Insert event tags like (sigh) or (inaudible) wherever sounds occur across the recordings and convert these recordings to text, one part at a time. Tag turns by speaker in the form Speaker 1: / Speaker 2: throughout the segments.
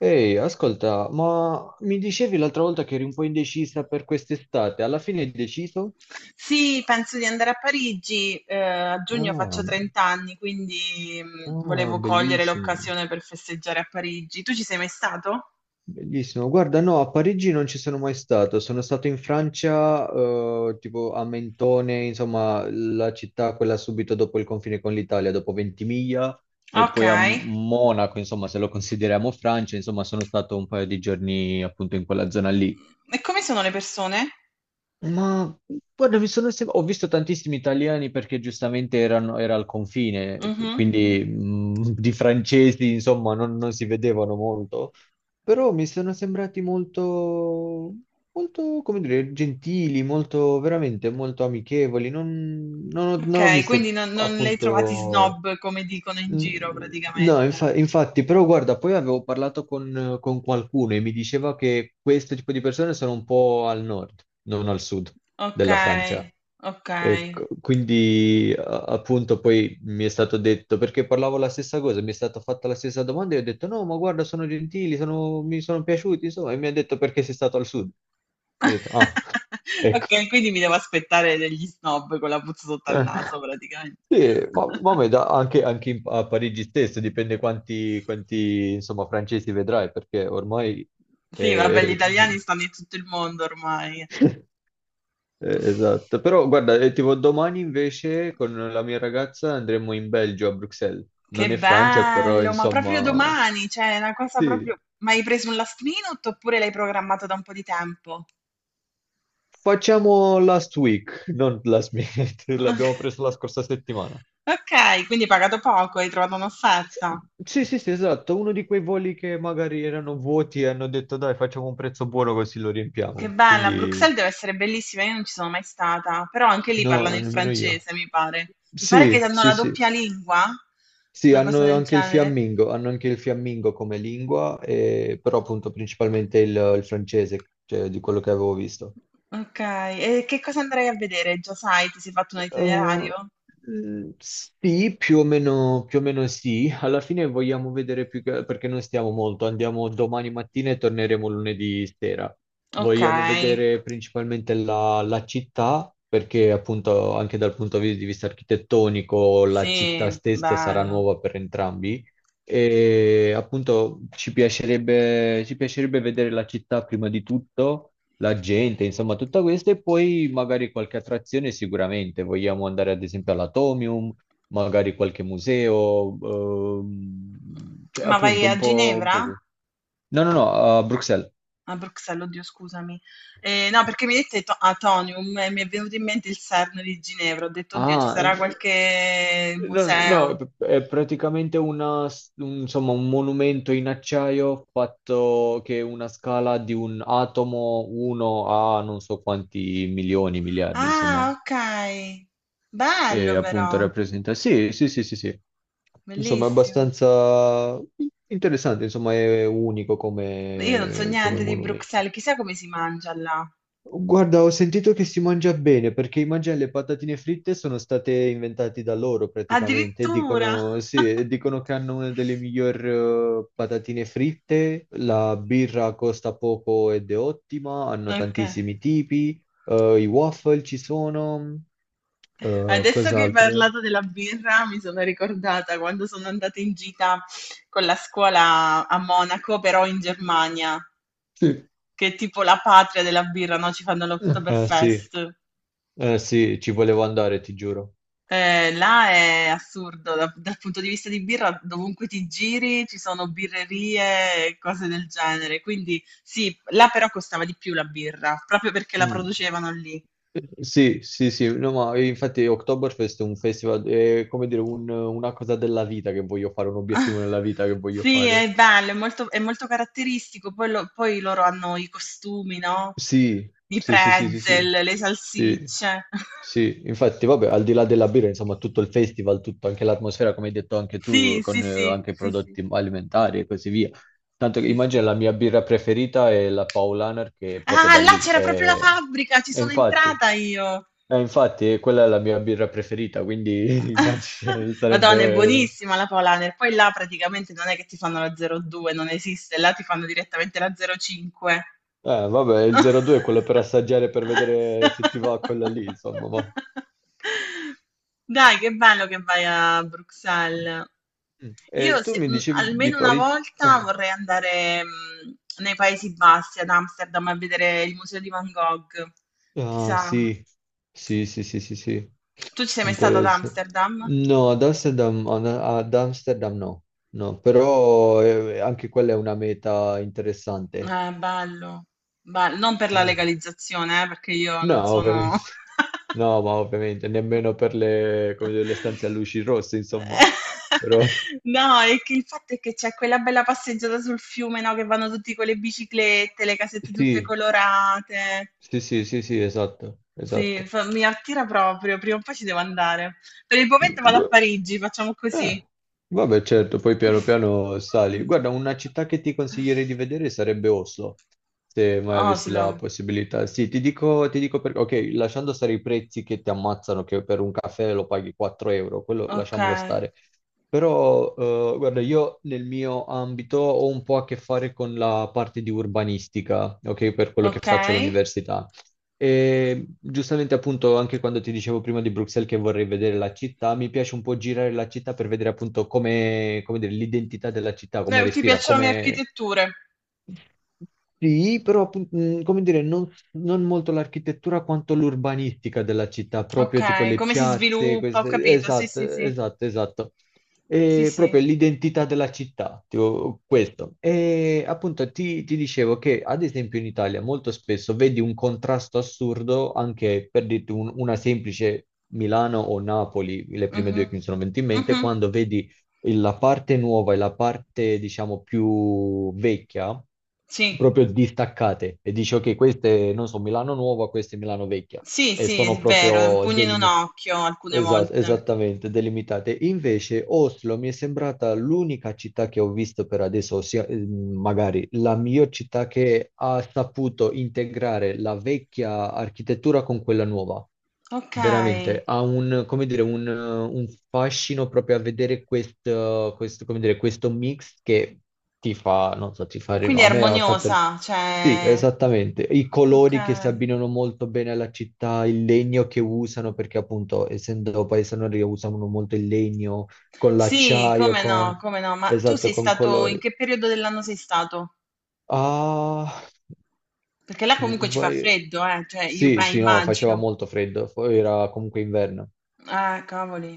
Speaker 1: Ehi, ascolta, ma mi dicevi l'altra volta che eri un po' indecisa per quest'estate, alla fine hai deciso?
Speaker 2: Sì, penso di andare a Parigi, a giugno faccio
Speaker 1: Ah,
Speaker 2: 30 anni, quindi
Speaker 1: ah,
Speaker 2: volevo cogliere
Speaker 1: bellissimo,
Speaker 2: l'occasione per festeggiare a Parigi. Tu ci sei mai stato?
Speaker 1: bellissimo. Guarda, no, a Parigi non ci sono mai stato, sono stato in Francia, tipo a Mentone, insomma, la città quella subito dopo il confine con l'Italia, dopo Ventimiglia, e
Speaker 2: Ok.
Speaker 1: poi a Monaco, insomma, se lo consideriamo Francia, insomma, sono stato un paio di giorni appunto in quella zona lì.
Speaker 2: E come sono le persone?
Speaker 1: Ma guarda, ho visto tantissimi italiani perché giustamente erano, era al confine, cioè,
Speaker 2: Mhm.
Speaker 1: quindi di francesi, insomma, non si vedevano molto, però mi sono sembrati molto, molto, come dire, gentili, molto, veramente molto amichevoli. Non ho
Speaker 2: Ok, quindi
Speaker 1: visto
Speaker 2: non le hai trovati
Speaker 1: appunto.
Speaker 2: snob come dicono in
Speaker 1: Mm,
Speaker 2: giro
Speaker 1: no,
Speaker 2: praticamente.
Speaker 1: infatti, però guarda, poi avevo parlato con qualcuno e mi diceva che questo tipo di persone sono un po' al nord, non al sud
Speaker 2: Ok,
Speaker 1: della Francia.
Speaker 2: ok.
Speaker 1: Ecco, quindi appunto poi mi è stato detto, perché parlavo la stessa cosa, mi è stata fatta la stessa domanda e ho detto no, ma guarda, sono gentili, mi sono piaciuti, insomma, e mi ha detto perché sei stato al sud. Ho detto, ah,
Speaker 2: (laughs)
Speaker 1: ecco.
Speaker 2: Ok, quindi mi devo aspettare degli snob con la puzza sotto al naso praticamente.
Speaker 1: Sì, ma
Speaker 2: (laughs)
Speaker 1: anche, a Parigi stesso dipende quanti, insomma, francesi vedrai, perché ormai.
Speaker 2: Sì, vabbè, gli
Speaker 1: eh, (laughs)
Speaker 2: italiani stanno in tutto il mondo ormai.
Speaker 1: eh, esatto, però guarda, tipo domani invece con la mia ragazza andremo in Belgio, a Bruxelles.
Speaker 2: Che
Speaker 1: Non è Francia, però
Speaker 2: bello, ma proprio
Speaker 1: insomma.
Speaker 2: domani, cioè, è una cosa
Speaker 1: Sì,
Speaker 2: proprio... Ma hai preso un last minute oppure l'hai programmato da un po' di tempo?
Speaker 1: facciamo last week, non last minute, (laughs) l'abbiamo
Speaker 2: (laughs)
Speaker 1: preso la scorsa settimana.
Speaker 2: Ok, quindi hai pagato poco, hai trovato
Speaker 1: Sì,
Speaker 2: un'offerta.
Speaker 1: sì, sì, sì, esatto, uno di quei voli che magari erano vuoti e hanno detto dai, facciamo un prezzo buono così lo
Speaker 2: Che
Speaker 1: riempiamo.
Speaker 2: bella,
Speaker 1: Quindi
Speaker 2: Bruxelles deve essere bellissima, io non ci sono mai stata, però anche lì
Speaker 1: no,
Speaker 2: parlano il
Speaker 1: nemmeno io.
Speaker 2: francese, mi pare. Mi pare che
Speaker 1: Sì,
Speaker 2: hanno
Speaker 1: sì,
Speaker 2: la
Speaker 1: sì.
Speaker 2: doppia lingua,
Speaker 1: Sì,
Speaker 2: una cosa
Speaker 1: hanno
Speaker 2: del
Speaker 1: anche il
Speaker 2: genere.
Speaker 1: fiammingo, hanno anche il fiammingo come lingua, però appunto principalmente il francese, cioè di quello che avevo visto.
Speaker 2: Okay, e che cosa andrai a vedere? Già sai, ti sei fatto un
Speaker 1: Eh,
Speaker 2: itinerario?
Speaker 1: sì, più o meno sì. Alla fine vogliamo vedere più che, perché non stiamo molto. Andiamo domani mattina e torneremo lunedì sera. Vogliamo
Speaker 2: Okay,
Speaker 1: vedere principalmente la città, perché appunto anche dal punto di vista architettonico la città
Speaker 2: sì,
Speaker 1: stessa sarà
Speaker 2: bello.
Speaker 1: nuova per entrambi. E appunto ci piacerebbe vedere la città prima di tutto la gente, insomma, tutta questa e poi magari qualche attrazione sicuramente. Vogliamo andare ad esempio all'Atomium, magari qualche museo, cioè
Speaker 2: Ma vai
Speaker 1: appunto
Speaker 2: a Ginevra?
Speaker 1: No, no, no, a Bruxelles.
Speaker 2: A Bruxelles, oddio scusami. No, perché mi hai detto to Atonium e mi è venuto in mente il CERN di Ginevra. Ho detto: "Oddio, ci sarà qualche
Speaker 1: No, no,
Speaker 2: museo".
Speaker 1: è praticamente una, insomma, un monumento in acciaio fatto che è una scala di un atomo 1 a non so quanti milioni, miliardi, insomma.
Speaker 2: Ah, okay.
Speaker 1: E
Speaker 2: Bello
Speaker 1: appunto
Speaker 2: però,
Speaker 1: rappresenta. Sì, sì, sì, sì, sì. Insomma, è
Speaker 2: bellissimo.
Speaker 1: abbastanza interessante, insomma, è unico
Speaker 2: Io non so
Speaker 1: come
Speaker 2: niente di
Speaker 1: monumento.
Speaker 2: Bruxelles, chissà come si mangia là.
Speaker 1: Guarda, ho sentito che si mangia bene perché i mangiare le patatine fritte sono state inventate da loro praticamente.
Speaker 2: Addirittura!
Speaker 1: Dicono, sì, e
Speaker 2: (laughs)
Speaker 1: dicono che hanno una delle migliori patatine fritte. La birra costa poco ed è ottima. Hanno
Speaker 2: Ok.
Speaker 1: tantissimi tipi. I waffle ci sono.
Speaker 2: Adesso che hai
Speaker 1: Cos'altro?
Speaker 2: parlato della birra, mi sono ricordata quando sono andata in gita con la scuola a Monaco, però in Germania,
Speaker 1: Sì.
Speaker 2: che è tipo la patria della birra, no? Ci fanno
Speaker 1: Eh sì,
Speaker 2: l'Oktoberfest.
Speaker 1: eh sì, ci volevo andare, ti giuro.
Speaker 2: Là è assurdo, dal punto di vista di birra, dovunque ti giri ci sono birrerie e cose del genere. Quindi sì, là però costava di più la birra, proprio perché la
Speaker 1: Mm.
Speaker 2: producevano lì.
Speaker 1: Sì, sì, sì, no, ma infatti Oktoberfest è un festival, è come dire una cosa della vita che voglio fare, un
Speaker 2: (laughs) Ah,
Speaker 1: obiettivo nella vita che voglio
Speaker 2: sì,
Speaker 1: fare.
Speaker 2: è bello, è molto caratteristico. Poi, poi loro hanno i costumi, no?
Speaker 1: Sì,
Speaker 2: I
Speaker 1: sì, sì, sì, sì,
Speaker 2: pretzel,
Speaker 1: sì,
Speaker 2: le
Speaker 1: sì,
Speaker 2: salsicce. (laughs)
Speaker 1: sì. Infatti, vabbè, al di là della birra, insomma, tutto il festival, tutto, anche l'atmosfera, come hai detto anche
Speaker 2: Sì,
Speaker 1: tu,
Speaker 2: sì,
Speaker 1: con
Speaker 2: sì,
Speaker 1: anche i
Speaker 2: sì, sì,
Speaker 1: prodotti alimentari e così via. Tanto che
Speaker 2: sì,
Speaker 1: immagina
Speaker 2: sì.
Speaker 1: la mia birra preferita è la Paulaner, che è proprio
Speaker 2: Ah,
Speaker 1: da
Speaker 2: là
Speaker 1: lì.
Speaker 2: c'era proprio la fabbrica, ci
Speaker 1: E
Speaker 2: sono
Speaker 1: infatti.
Speaker 2: entrata io.
Speaker 1: Infatti, quella è la mia birra preferita, quindi (laughs) immagino
Speaker 2: (laughs) Madonna, è
Speaker 1: sarebbe.
Speaker 2: buonissima la Polaner. Poi là praticamente non è che ti fanno la 02, non esiste, là ti fanno direttamente la 05.
Speaker 1: Vabbè, il
Speaker 2: (laughs)
Speaker 1: 02 è quello per assaggiare, per vedere se ti va quella lì, insomma.
Speaker 2: Dai, che bello che vai a Bruxelles.
Speaker 1: Mm. E
Speaker 2: Io
Speaker 1: tu mi dicevi di
Speaker 2: almeno una
Speaker 1: Parigi.
Speaker 2: volta vorrei andare nei Paesi Bassi, ad Amsterdam, a vedere il museo di Van Gogh. Ti
Speaker 1: Ah, ah,
Speaker 2: sa?
Speaker 1: sì. Sì, sì, sì, sì, sì.
Speaker 2: Tu ci sei mai stata ad
Speaker 1: Interesse.
Speaker 2: Amsterdam?
Speaker 1: No, ad Amsterdam, ad Amsterdam no. No, però anche quella è una meta interessante.
Speaker 2: Bello, bello. Non per la
Speaker 1: Sì.
Speaker 2: legalizzazione, perché io
Speaker 1: No,
Speaker 2: non sono...
Speaker 1: ovviamente.
Speaker 2: (laughs)
Speaker 1: No, ma ovviamente nemmeno per le, come dire, le stanze a luci rosse, insomma.
Speaker 2: (laughs)
Speaker 1: Però (laughs)
Speaker 2: No, è che il fatto è che c'è quella bella passeggiata sul fiume, no, che vanno tutti con le biciclette, le casette tutte
Speaker 1: sì,
Speaker 2: colorate.
Speaker 1: sì, sì, sì, sì, esatto,
Speaker 2: Sì,
Speaker 1: esatto.
Speaker 2: mi attira proprio, prima o poi ci devo andare. Per il
Speaker 1: Mm,
Speaker 2: momento vado a
Speaker 1: gu-
Speaker 2: Parigi, facciamo
Speaker 1: eh,
Speaker 2: così.
Speaker 1: Vabbè, certo, poi piano piano sali.
Speaker 2: (laughs)
Speaker 1: Guarda, una città che ti consiglierei di vedere sarebbe Oslo, se mai avessi
Speaker 2: Oslo,
Speaker 1: la possibilità. Sì, ti dico perché, ok, lasciando stare i prezzi che ti ammazzano, che per un caffè lo paghi 4 euro, quello
Speaker 2: ok,
Speaker 1: lasciamolo stare. Però, guarda, io nel mio ambito ho un po' a che fare con la parte di urbanistica, ok, per quello che
Speaker 2: ok.
Speaker 1: faccio all'università. E giustamente, appunto, anche quando ti dicevo prima di Bruxelles che vorrei vedere la città, mi piace un po' girare la città per vedere appunto come, come dire, l'identità della città, come
Speaker 2: Ti
Speaker 1: respira,
Speaker 2: piacciono le
Speaker 1: come,
Speaker 2: architetture?
Speaker 1: sì, però come dire, non molto l'architettura quanto l'urbanistica della città, proprio tipo
Speaker 2: Ok,
Speaker 1: le
Speaker 2: come si
Speaker 1: piazze,
Speaker 2: sviluppa, ho capito, sì,
Speaker 1: esatto,
Speaker 2: sì, sì,
Speaker 1: esatto, esatto.
Speaker 2: sì,
Speaker 1: E
Speaker 2: sì.
Speaker 1: proprio l'identità della città, tipo questo. E appunto ti dicevo che ad esempio in Italia molto spesso vedi un contrasto assurdo anche per dirti una semplice Milano o Napoli, le prime
Speaker 2: Mhm.
Speaker 1: due che mi sono venute in mente,
Speaker 2: Mhm.
Speaker 1: quando vedi la parte nuova e la parte, diciamo, più vecchia
Speaker 2: Sì.
Speaker 1: proprio distaccate e dici ok, queste non so, Milano Nuova, queste Milano Vecchia
Speaker 2: Sì,
Speaker 1: e
Speaker 2: sì,
Speaker 1: sono
Speaker 2: è vero, è un
Speaker 1: proprio
Speaker 2: pugno in un occhio alcune
Speaker 1: esatto,
Speaker 2: volte.
Speaker 1: esattamente, delimitate. Invece Oslo mi è sembrata l'unica città che ho visto per adesso, ossia magari la miglior città che ha saputo integrare la vecchia architettura con quella nuova. Veramente,
Speaker 2: Okay,
Speaker 1: ha un, come dire, un fascino proprio a vedere questo, come dire, questo mix che ti fa, non so, ti fa,
Speaker 2: quindi è
Speaker 1: a me ha fatto
Speaker 2: armoniosa,
Speaker 1: sì,
Speaker 2: cioè
Speaker 1: esattamente. I colori che si
Speaker 2: okay.
Speaker 1: abbinano molto bene alla città, il legno che usano, perché appunto, essendo paese nordico, usano molto il legno con
Speaker 2: Sì,
Speaker 1: l'acciaio,
Speaker 2: come no,
Speaker 1: con.
Speaker 2: come no. Ma tu
Speaker 1: Esatto,
Speaker 2: sei
Speaker 1: con
Speaker 2: stato in
Speaker 1: colori.
Speaker 2: che periodo dell'anno sei stato?
Speaker 1: Ah,
Speaker 2: Perché là
Speaker 1: se non
Speaker 2: comunque ci fa
Speaker 1: sbaglio.
Speaker 2: freddo, cioè io
Speaker 1: Sì,
Speaker 2: pe
Speaker 1: sì, no, faceva
Speaker 2: immagino.
Speaker 1: molto freddo, poi era comunque inverno,
Speaker 2: Cavoli.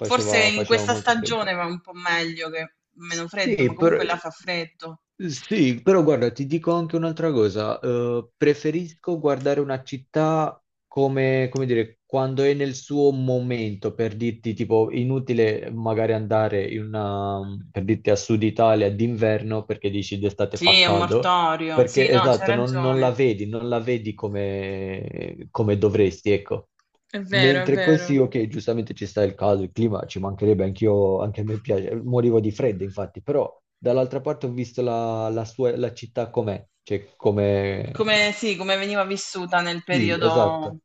Speaker 2: Forse in
Speaker 1: faceva
Speaker 2: questa
Speaker 1: molto
Speaker 2: stagione
Speaker 1: freddo.
Speaker 2: va un po' meglio che meno freddo, ma
Speaker 1: Sì, però.
Speaker 2: comunque là fa freddo.
Speaker 1: Sì, però guarda, ti dico anche un'altra cosa. Preferisco guardare una città come, come dire, quando è nel suo momento, per dirti, tipo, inutile magari andare in una, per dirti a Sud Italia d'inverno perché dici d'estate
Speaker 2: Sì,
Speaker 1: fa
Speaker 2: è un
Speaker 1: caldo,
Speaker 2: mortorio. Sì,
Speaker 1: perché
Speaker 2: no, c'hai
Speaker 1: esatto, non la
Speaker 2: ragione.
Speaker 1: vedi, come, dovresti, ecco.
Speaker 2: È vero, è
Speaker 1: Mentre
Speaker 2: vero.
Speaker 1: così, ok, giustamente ci sta il caldo, il clima, ci mancherebbe, anch'io, anche a me piace, morivo di freddo infatti, però dall'altra parte ho visto la, la sua, la città com'è, cioè come.
Speaker 2: Come, sì, come veniva vissuta nel
Speaker 1: Sì,
Speaker 2: periodo...
Speaker 1: esatto,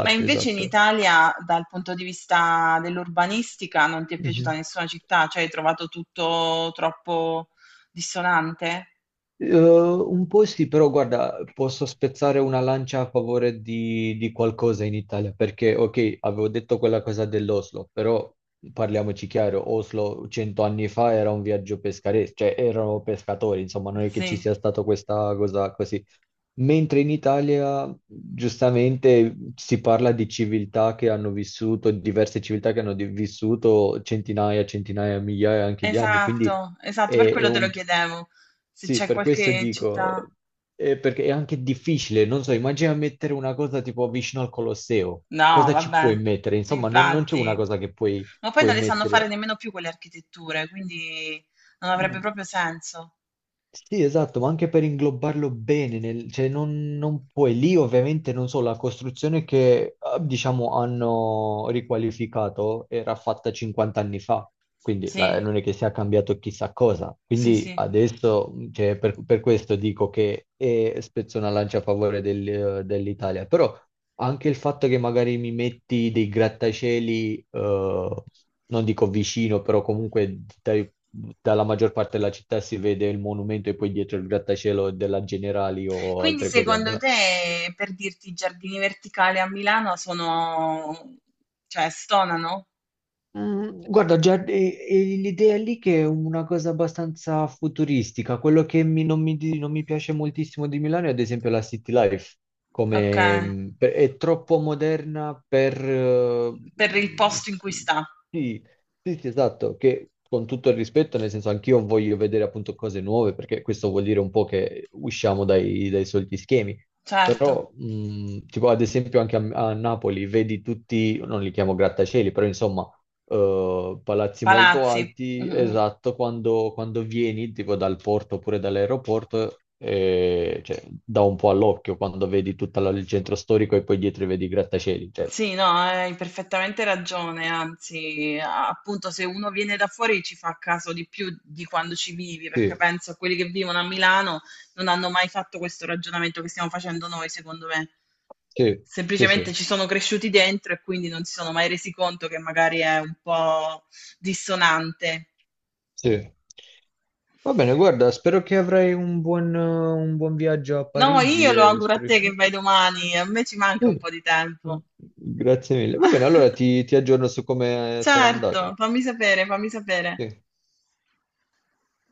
Speaker 2: Ma invece in
Speaker 1: esatto.
Speaker 2: Italia, dal punto di vista dell'urbanistica, non ti è piaciuta
Speaker 1: Mhm.
Speaker 2: nessuna città? Cioè hai trovato tutto troppo dissonante?
Speaker 1: Un po' sì, però guarda, posso spezzare una lancia a favore di qualcosa in Italia, perché ok, avevo detto quella cosa dell'Oslo, però parliamoci chiaro, Oslo 100 anni fa era un viaggio pescaresco, cioè erano pescatori, insomma, non è che ci
Speaker 2: Sì,
Speaker 1: sia stata questa cosa così. Mentre in Italia, giustamente, si parla di civiltà che hanno vissuto, diverse civiltà che hanno vissuto centinaia, centinaia, migliaia anche di anni, quindi
Speaker 2: esatto, esatto, per
Speaker 1: è
Speaker 2: quello te lo
Speaker 1: un
Speaker 2: chiedevo. Se
Speaker 1: sì,
Speaker 2: c'è
Speaker 1: per questo
Speaker 2: qualche città...
Speaker 1: dico, perché è anche difficile, non so, immagina mettere una cosa tipo vicino al Colosseo,
Speaker 2: No,
Speaker 1: cosa ci
Speaker 2: vabbè,
Speaker 1: puoi mettere? Insomma, non c'è una
Speaker 2: infatti.
Speaker 1: cosa che puoi,
Speaker 2: Ma poi
Speaker 1: puoi
Speaker 2: non le sanno fare
Speaker 1: mettere.
Speaker 2: nemmeno più quelle architetture, quindi non avrebbe
Speaker 1: Mm.
Speaker 2: proprio senso.
Speaker 1: Sì, esatto, ma anche per inglobarlo bene, cioè non puoi, lì ovviamente non so, la costruzione che diciamo hanno riqualificato era fatta 50 anni fa, quindi
Speaker 2: Sì,
Speaker 1: non è che sia cambiato chissà cosa,
Speaker 2: sì,
Speaker 1: quindi
Speaker 2: sì.
Speaker 1: adesso cioè, per questo dico che spezzo una lancia a favore dell'Italia, però anche il fatto che magari mi metti dei grattacieli, non dico vicino, però comunque dalla maggior parte della città si vede il monumento e poi dietro il grattacielo della Generali o
Speaker 2: Quindi
Speaker 1: altre cose, a
Speaker 2: secondo
Speaker 1: Milano.
Speaker 2: te, per dirti, i giardini verticali a Milano sono, cioè, stonano?
Speaker 1: Guarda, già l'idea lì che è una cosa abbastanza futuristica, quello che non mi, non mi piace moltissimo di Milano è ad esempio la City Life,
Speaker 2: Ok,
Speaker 1: è troppo moderna per.
Speaker 2: per il
Speaker 1: Mm,
Speaker 2: posto in
Speaker 1: s-
Speaker 2: cui sta,
Speaker 1: sì, sì, sì, esatto, che con tutto il rispetto, nel senso anch'io voglio vedere appunto cose nuove, perché questo vuol dire un po' che usciamo dai soliti schemi.
Speaker 2: certo,
Speaker 1: Però, tipo ad esempio anche a Napoli, vedi tutti, non li chiamo grattacieli, però insomma, palazzi molto
Speaker 2: palazzi. Mm,
Speaker 1: alti,
Speaker 2: mm.
Speaker 1: esatto, quando vieni tipo dal porto oppure dall'aeroporto, cioè, dà un po' all'occhio quando vedi tutto il centro storico e poi dietro vedi i grattacieli. Cioè.
Speaker 2: Sì, no, hai perfettamente ragione, anzi, appunto, se uno viene da fuori ci fa caso di più di quando ci vivi, perché
Speaker 1: Sì,
Speaker 2: penso a quelli che vivono a Milano non hanno mai fatto questo ragionamento che stiamo facendo noi, secondo me.
Speaker 1: sì, sì, sì,
Speaker 2: Semplicemente ci sono cresciuti dentro e quindi non si sono mai resi conto che magari è un po' dissonante.
Speaker 1: sì. Va bene, guarda, spero che avrai un buon viaggio a
Speaker 2: No, io
Speaker 1: Parigi
Speaker 2: lo
Speaker 1: e
Speaker 2: auguro a
Speaker 1: spero
Speaker 2: te che
Speaker 1: che.
Speaker 2: vai domani, a me ci manca un
Speaker 1: (laughs)
Speaker 2: po' di tempo.
Speaker 1: Grazie mille. Va bene, allora
Speaker 2: (laughs)
Speaker 1: ti aggiorno su come sarà andato.
Speaker 2: Certo, fammi sapere, fammi sapere.
Speaker 1: Sì.